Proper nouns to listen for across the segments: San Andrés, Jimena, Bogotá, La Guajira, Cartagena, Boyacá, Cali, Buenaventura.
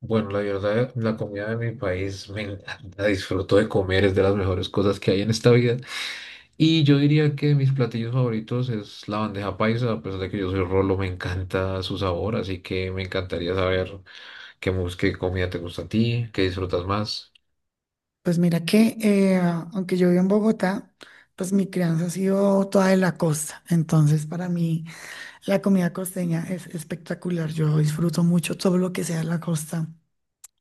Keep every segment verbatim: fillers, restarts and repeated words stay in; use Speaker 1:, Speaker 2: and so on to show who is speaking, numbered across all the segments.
Speaker 1: Bueno, la verdad, la comida de mi país me encanta, disfruto de comer, es de las mejores cosas que hay en esta vida. Y yo diría que mis platillos favoritos es la bandeja paisa, a pesar de que yo soy rolo, me encanta su sabor, así que me encantaría saber qué, mus- qué comida te gusta a ti, qué disfrutas más.
Speaker 2: Pues mira que, eh, aunque yo vivo en Bogotá, pues mi crianza ha sido toda de la costa. Entonces, para mí, la comida costeña es espectacular. Yo disfruto mucho todo lo que sea la costa.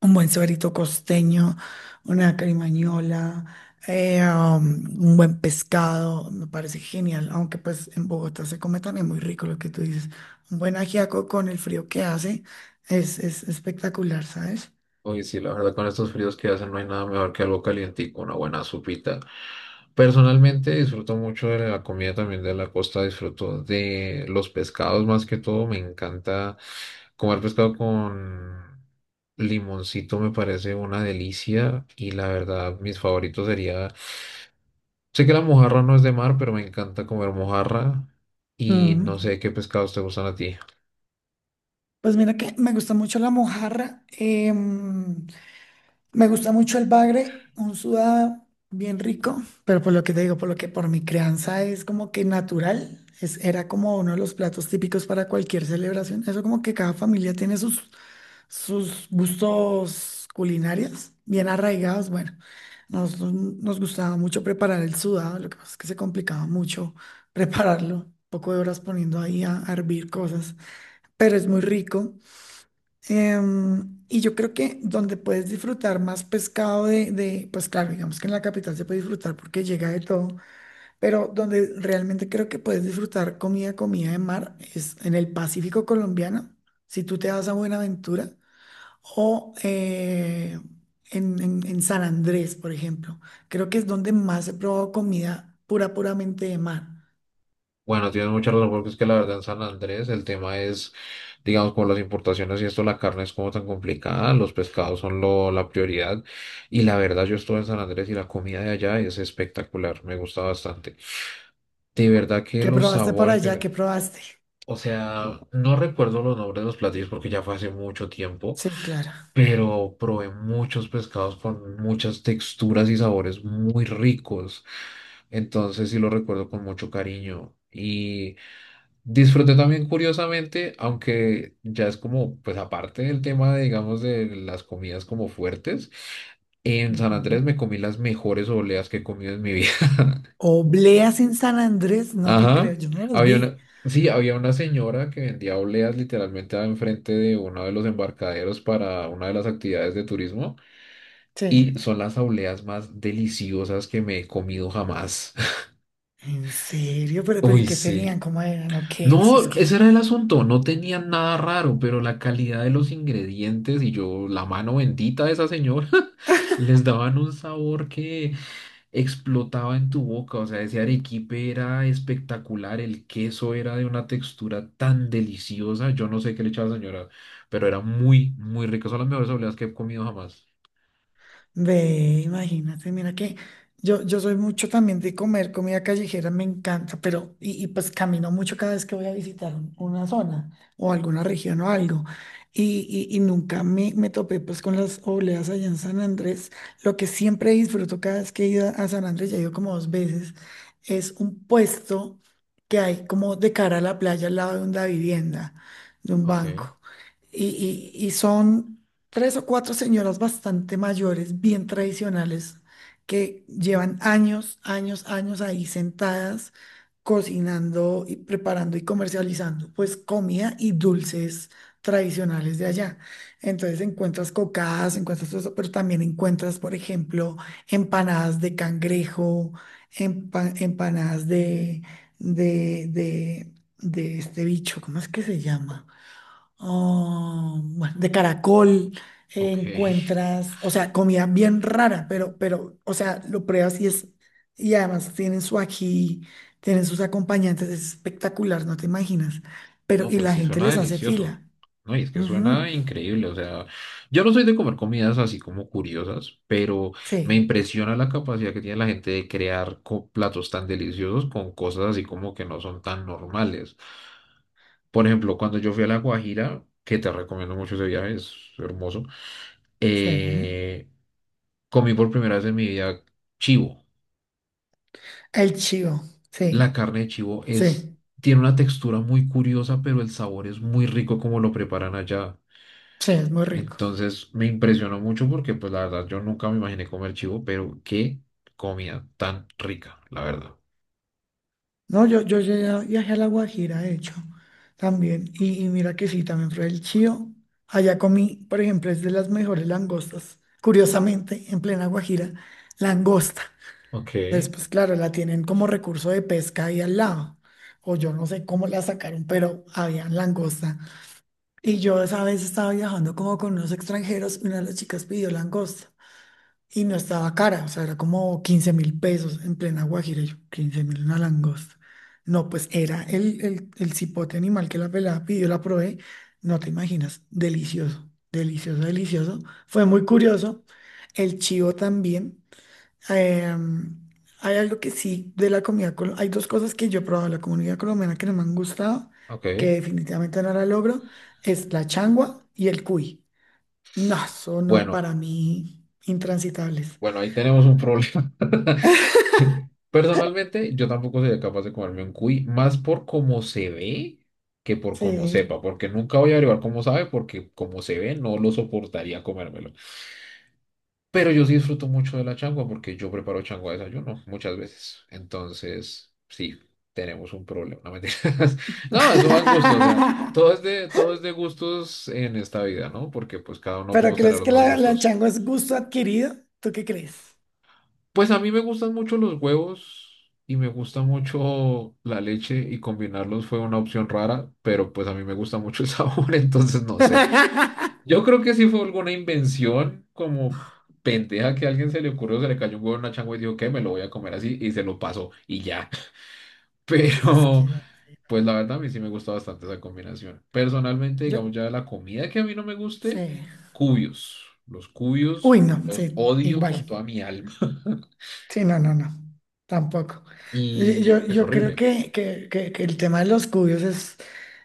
Speaker 2: Un buen suerito costeño, una carimañola, eh, um, un buen pescado, me parece genial. Aunque pues en Bogotá se come también muy rico lo que tú dices. Un buen ajiaco con el frío que hace es, es espectacular, ¿sabes?
Speaker 1: Oye, sí, la verdad con estos fríos que hacen no hay nada mejor que algo calientico, una buena sopita. Personalmente disfruto mucho de la comida también de la costa, disfruto de los pescados más que todo, me encanta comer pescado con limoncito, me parece una delicia y la verdad mis favoritos sería, sé que la mojarra no es de mar, pero me encanta comer mojarra y no
Speaker 2: Mm.
Speaker 1: sé qué pescados te gustan a ti.
Speaker 2: Pues mira que me gusta mucho la mojarra, em, me gusta mucho el bagre, un sudado bien rico, pero por lo que te digo, por lo que por mi crianza es como que natural, es, era como uno de los platos típicos para cualquier celebración. Eso como que cada familia tiene sus, sus gustos culinarios bien arraigados. Bueno, nos, nos gustaba mucho preparar el sudado, lo que pasa es que se complicaba mucho prepararlo, un poco de horas poniendo ahí a a hervir cosas, pero es muy rico. Em, y yo creo que donde puedes disfrutar más pescado de, de, pues claro, digamos que en la capital se puede disfrutar porque llega de todo, pero donde realmente creo que puedes disfrutar comida, comida de mar es en el Pacífico colombiano, si tú te vas a Buenaventura o eh, en, en- en San Andrés, por ejemplo. Creo que es donde más he probado comida pura, puramente de mar.
Speaker 1: Bueno, tienes mucha razón, porque es que la verdad en San Andrés el tema es, digamos, con las importaciones y esto, la carne es como tan complicada, los pescados son lo, la prioridad. Y la verdad, yo estuve en San Andrés y la comida de allá es espectacular, me gusta bastante. De verdad que
Speaker 2: ¿Qué
Speaker 1: los
Speaker 2: probaste para
Speaker 1: sabores
Speaker 2: allá?
Speaker 1: que...
Speaker 2: ¿Qué probaste?
Speaker 1: O sea, no recuerdo los nombres de los platillos porque ya fue hace mucho tiempo,
Speaker 2: Sí, claro.
Speaker 1: pero probé muchos pescados con muchas texturas y sabores muy ricos. Entonces sí lo recuerdo con mucho cariño. Y Disfruté también curiosamente, aunque ya es como, pues aparte del tema, de, digamos, de las comidas como fuertes, en San Andrés me comí las mejores obleas que he comido en mi vida.
Speaker 2: Obleas en San Andrés, no te creo,
Speaker 1: Ajá.
Speaker 2: yo no los
Speaker 1: Había
Speaker 2: vi.
Speaker 1: una, sí, había una señora que vendía obleas literalmente enfrente de uno de los embarcaderos para una de las actividades de turismo
Speaker 2: Sí.
Speaker 1: y son las obleas más deliciosas que me he comido jamás.
Speaker 2: En serio, pero, pero ¿y
Speaker 1: Uy,
Speaker 2: qué
Speaker 1: sí.
Speaker 2: tenían? ¿Cómo eran? ¿O qué? O sea, es
Speaker 1: No, ese
Speaker 2: que.
Speaker 1: era el asunto, no tenían nada raro, pero la calidad de los ingredientes y yo, la mano bendita de esa señora, les daban un sabor que explotaba en tu boca, o sea, ese arequipe era espectacular, el queso era de una textura tan deliciosa, yo no sé qué le echaba la señora, pero era muy, muy rico, son las mejores obleas que he comido jamás.
Speaker 2: Ve, imagínate, mira que yo, yo soy mucho también de comer comida callejera, me encanta, pero y, y pues camino mucho cada vez que voy a visitar un- una zona o alguna región o algo. Y, y, y nunca me, me topé pues con las obleas allá en San Andrés. Lo que siempre disfruto cada vez que he ido a San Andrés, ya he ido como dos veces, es un puesto que hay como de cara a la playa al lado de una vivienda, de un
Speaker 1: Ok.
Speaker 2: banco. Y, y, y son tres o cuatro señoras bastante mayores, bien tradicionales, que llevan años, años, años ahí sentadas, cocinando y preparando y comercializando, pues comida y dulces tradicionales de allá. Entonces encuentras cocadas, encuentras todo eso, pero también encuentras, por ejemplo, empanadas de cangrejo, empa- empanadas de, de, de, de este bicho, ¿cómo es que se llama? Ah, bueno, de caracol. Eh,
Speaker 1: Ok.
Speaker 2: encuentras, o sea, comida bien rara, pero, pero, o sea, lo pruebas y es, y además tienen su ají, tienen sus acompañantes, es espectacular, no te imaginas. Pero,
Speaker 1: No,
Speaker 2: y
Speaker 1: pues
Speaker 2: la
Speaker 1: sí
Speaker 2: gente
Speaker 1: suena
Speaker 2: les hace
Speaker 1: delicioso.
Speaker 2: fila.
Speaker 1: No, y es que
Speaker 2: Ujú.
Speaker 1: suena increíble. O sea, yo no soy de comer comidas así como curiosas, pero me
Speaker 2: Sí,
Speaker 1: impresiona la capacidad que tiene la gente de crear co- platos tan deliciosos con cosas así como que no son tan normales. Por ejemplo, cuando yo fui a La Guajira, que te recomiendo mucho ese viaje, es hermoso,
Speaker 2: sí.
Speaker 1: eh, comí por primera vez en mi vida chivo.
Speaker 2: El chivo,
Speaker 1: La
Speaker 2: sí,
Speaker 1: carne de chivo es,
Speaker 2: sí,
Speaker 1: tiene una textura muy curiosa, pero el sabor es muy rico como lo preparan allá.
Speaker 2: sí, es muy rico.
Speaker 1: Entonces me impresionó mucho porque pues la verdad yo nunca me imaginé comer chivo, pero qué comida tan rica, la verdad.
Speaker 2: No, yo, yo llegué viajé a La Guajira, de hecho, también. Y, y mira que sí, también fue el chío. Allá comí, por ejemplo, es de las mejores langostas. Curiosamente, en plena Guajira, langosta.
Speaker 1: Ok,
Speaker 2: Pues, pues claro, la tienen como recurso de pesca ahí al lado. O yo no sé cómo la sacaron, pero había langosta. Y yo esa vez estaba viajando como con unos extranjeros. Y Una de las chicas pidió langosta. Y no estaba cara, o sea, era como quince mil pesos en plena Guajira, y yo, quince mil una langosta. No, pues era el, el, el cipote animal que la pelada pidió, la probé, no te imaginas, delicioso, delicioso, delicioso. Fue muy curioso, el chivo también. Em, Hay algo que sí de la comida, col- hay dos cosas que yo he probado de la comunidad colombiana que no me han gustado, que
Speaker 1: ok.
Speaker 2: definitivamente no la logro, es la changua y el cuy. No, son no,
Speaker 1: Bueno,
Speaker 2: para mí intransitables.
Speaker 1: bueno, ahí tenemos un problema. Personalmente yo tampoco sería capaz de comerme un cuy, más por cómo se ve que por cómo
Speaker 2: Sí.
Speaker 1: sepa, porque nunca voy a averiguar cómo sabe, porque como se ve no lo soportaría comérmelo. Pero yo sí disfruto mucho de la changua porque yo preparo changua de desayuno muchas veces. Entonces, sí, tenemos un problema. No, mentiras. No, eso va en gusto. O sea, todo es de, todo es de gustos en esta vida, ¿no? Porque pues cada uno
Speaker 2: ¿Pero
Speaker 1: podemos tener
Speaker 2: crees
Speaker 1: los
Speaker 2: que
Speaker 1: más
Speaker 2: la, la
Speaker 1: gustos.
Speaker 2: chango es gusto adquirido? ¿Tú qué crees?
Speaker 1: Pues a mí me gustan mucho los huevos y me gusta mucho la leche y combinarlos fue una opción rara, pero pues a mí me gusta mucho el sabor, entonces no sé. Yo creo que sí fue alguna invención como pendeja que a alguien se le ocurrió, se le cayó un huevo en una changua y dijo que me lo voy a comer así y se lo pasó y ya.
Speaker 2: Es
Speaker 1: Pero
Speaker 2: que
Speaker 1: pues la verdad a mí sí me gusta bastante esa combinación. Personalmente,
Speaker 2: yo,
Speaker 1: digamos ya la comida que a mí no me guste,
Speaker 2: sí.
Speaker 1: cubios. Los cubios
Speaker 2: Uy, no,
Speaker 1: los
Speaker 2: sí,
Speaker 1: odio
Speaker 2: igual.
Speaker 1: con toda mi alma
Speaker 2: Sí, no, no, no, tampoco. Y
Speaker 1: y
Speaker 2: Yo,
Speaker 1: es
Speaker 2: yo creo
Speaker 1: horrible.
Speaker 2: que, que, que- que el tema de los cubios es,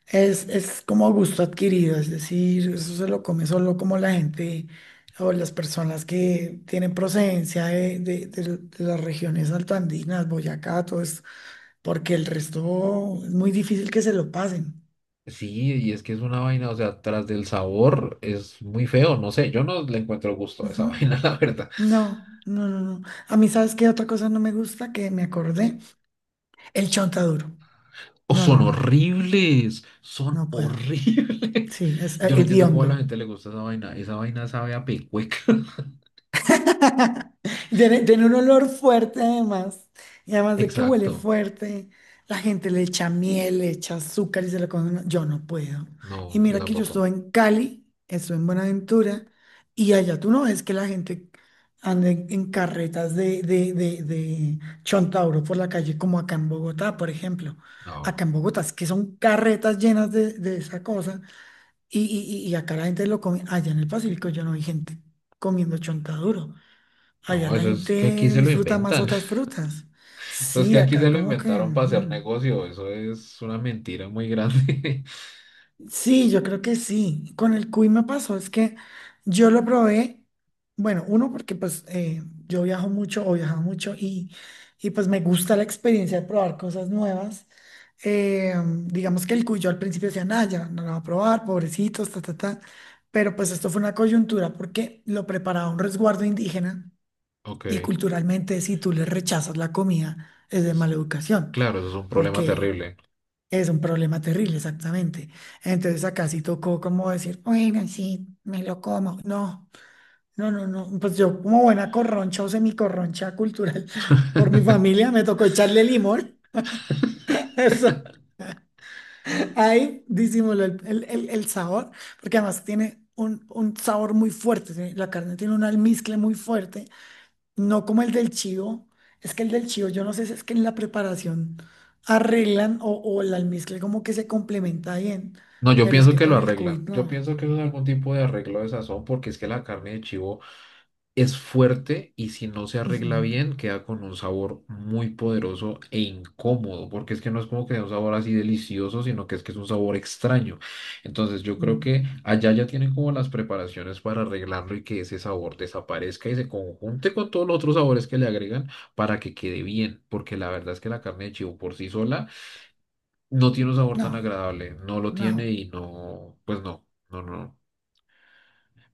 Speaker 2: es, es como gusto adquirido, es decir, eso se lo come solo como la gente o las personas que tienen procedencia de, de- de- de las regiones altoandinas, Boyacá, todo esto, porque el resto es muy difícil que se lo pasen.
Speaker 1: Sí, y es que es una vaina, o sea, tras del sabor es muy feo, no sé, yo no le encuentro gusto a esa
Speaker 2: Ujú.
Speaker 1: vaina, la verdad.
Speaker 2: No, no, no, no. A mí, ¿sabes qué otra cosa no me gusta? Que me acordé, el chontaduro.
Speaker 1: O
Speaker 2: No, no,
Speaker 1: son
Speaker 2: no,
Speaker 1: horribles, son
Speaker 2: no puedo.
Speaker 1: horribles.
Speaker 2: Sí, es eh,
Speaker 1: Yo no entiendo cómo a la
Speaker 2: hediondo.
Speaker 1: gente le gusta esa vaina. Esa vaina sabe a pecueca.
Speaker 2: Tiene, tiene un olor fuerte además. Y además de que huele
Speaker 1: Exacto.
Speaker 2: fuerte, la gente le echa miel, le echa azúcar y se lo come. No, yo no puedo. Y
Speaker 1: No, yo
Speaker 2: mira que yo
Speaker 1: tampoco.
Speaker 2: estuve en Cali, estuve en Buenaventura, y allá tú no ves que la gente anda en en carretas de, de, de, de Chontauro por la calle, como acá en Bogotá, por ejemplo. Acá
Speaker 1: No,
Speaker 2: en Bogotá es que son carretas llenas de, de esa cosa. Y, y- y acá la gente lo come, allá en el Pacífico yo no vi gente comiendo chontaduro. Allá
Speaker 1: no,
Speaker 2: la
Speaker 1: eso es que aquí
Speaker 2: gente
Speaker 1: se lo
Speaker 2: disfruta más
Speaker 1: inventan.
Speaker 2: otras frutas.
Speaker 1: Eso es que
Speaker 2: Sí,
Speaker 1: aquí se
Speaker 2: acá
Speaker 1: lo
Speaker 2: como que,
Speaker 1: inventaron para hacer
Speaker 2: mm.
Speaker 1: negocio. Eso es una mentira muy grande.
Speaker 2: Sí, yo creo que sí. Con el cuy me pasó, es que yo lo probé, bueno, uno porque pues eh, yo viajo mucho o viajaba mucho, y y pues me gusta la experiencia de probar cosas nuevas. Eh, digamos que el cuy yo al principio decía, nada, ya no lo va a probar, pobrecitos, ta, ta, ta. Pero pues esto fue una coyuntura porque lo preparaba un resguardo indígena,
Speaker 1: Ok,
Speaker 2: y culturalmente si tú le rechazas la comida es de
Speaker 1: s-
Speaker 2: mala educación
Speaker 1: claro, eso es un problema
Speaker 2: porque
Speaker 1: terrible.
Speaker 2: es un problema terrible, exactamente. Entonces acá sí tocó como decir, bueno, sí, me lo como. No, no, no, no. Pues yo como buena corroncha o semicorroncha cultural por mi familia, me tocó echarle limón. Eso, ahí disimuló el, el- el- el sabor, porque además tiene un, un sabor muy fuerte. ¿Sí? La carne tiene un almizcle muy fuerte. No como el del chivo. Es que el del chivo, yo no sé si es que en la preparación arreglan o, o el almizcle como que se complementa bien,
Speaker 1: No, yo
Speaker 2: pero es
Speaker 1: pienso
Speaker 2: que
Speaker 1: que lo
Speaker 2: con el cuy
Speaker 1: arregla Yo
Speaker 2: no.
Speaker 1: pienso que eso es algún tipo de arreglo de sazón porque es que la carne de chivo Es fuerte y si no se
Speaker 2: Ujú.
Speaker 1: arregla bien, queda con un sabor muy poderoso e incómodo, porque es que no es como que sea un sabor así delicioso, sino que es que es un sabor extraño. Entonces yo creo
Speaker 2: Mm.
Speaker 1: que allá ya tienen como las preparaciones para arreglarlo y que ese sabor desaparezca y se conjunte con todos los otros sabores que le agregan para que quede bien, porque la verdad es que la carne de chivo por sí sola no tiene un sabor
Speaker 2: No,
Speaker 1: tan agradable, no lo
Speaker 2: no,
Speaker 1: tiene y no, pues no, no, no.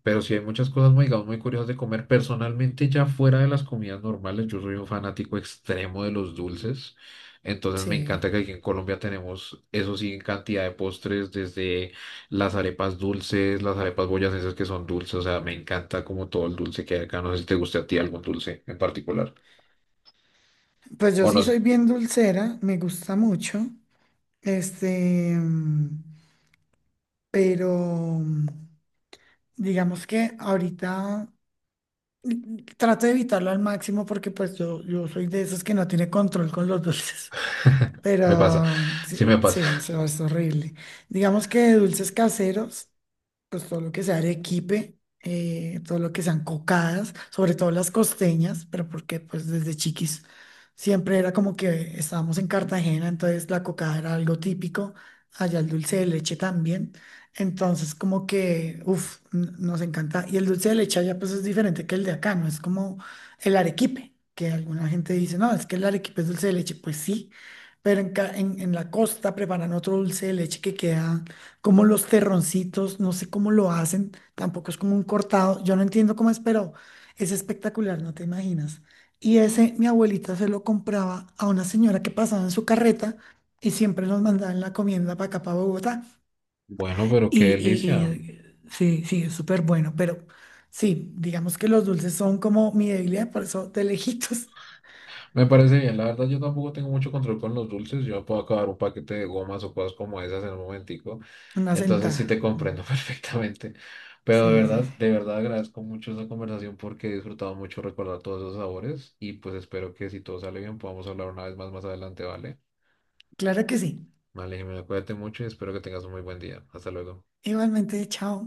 Speaker 1: Pero sí hay muchas cosas, muy, digamos, muy curiosas de comer. Personalmente, ya fuera de las comidas normales, yo soy un fanático extremo de los dulces. Entonces me
Speaker 2: sí.
Speaker 1: encanta que aquí en Colombia tenemos, eso sí, en cantidad de postres, desde las arepas dulces, las arepas boyacenses que son dulces. O sea, me encanta como todo el dulce que hay acá. No sé si te guste a ti algún dulce en particular.
Speaker 2: Pues yo
Speaker 1: O no
Speaker 2: sí
Speaker 1: sé.
Speaker 2: soy bien dulcera, me gusta mucho. Este, mm, pero mm, digamos que ahorita mm, trato de evitarlo al máximo porque pues yo, yo soy de esos que no tiene control con los dulces.
Speaker 1: Me pasa.
Speaker 2: Pero
Speaker 1: Sí me
Speaker 2: sí, sí,
Speaker 1: pasa.
Speaker 2: eso es horrible. Digamos que de dulces caseros pues todo lo que sea arequipe, eh, todo lo que sean cocadas, sobre todo las costeñas, pero porque pues desde chiquis siempre era como que estábamos en Cartagena, entonces la cocada era algo típico, allá el dulce de leche también, entonces como que, uff, nos encanta, y el dulce de leche allá pues es diferente que el de acá, no es como el arequipe, que alguna gente dice, no, es que el arequipe es dulce de leche, pues sí. Pero en, ca- en en la costa preparan otro dulce de leche que queda como los terroncitos, no sé cómo lo hacen, tampoco es como un cortado, yo no entiendo cómo es, pero es espectacular, no te imaginas. Y ese mi abuelita se lo compraba a una señora que pasaba en su carreta y siempre nos mandaban la comienda para acá, para Bogotá.
Speaker 1: Bueno, pero qué
Speaker 2: Y, y- y,
Speaker 1: delicia.
Speaker 2: eh, sí, sí, es súper bueno, pero sí, digamos que los dulces son como mi debilidad, por eso de lejitos,
Speaker 1: Me parece bien, la verdad yo tampoco tengo mucho control con los dulces, yo me puedo acabar un paquete de gomas o cosas como esas en un momentico,
Speaker 2: una
Speaker 1: entonces sí
Speaker 2: sentada.
Speaker 1: te
Speaker 2: Mm,
Speaker 1: comprendo perfectamente, pero de
Speaker 2: sí, sí, sí.
Speaker 1: verdad, de verdad agradezco mucho esta conversación porque he disfrutado mucho recordar todos esos sabores y pues espero que si todo sale bien podamos hablar una vez más más adelante, ¿vale?
Speaker 2: Claro que sí.
Speaker 1: Vale, Jimena, cuídate mucho y espero que tengas un muy buen día, hasta luego.
Speaker 2: Igualmente, chao.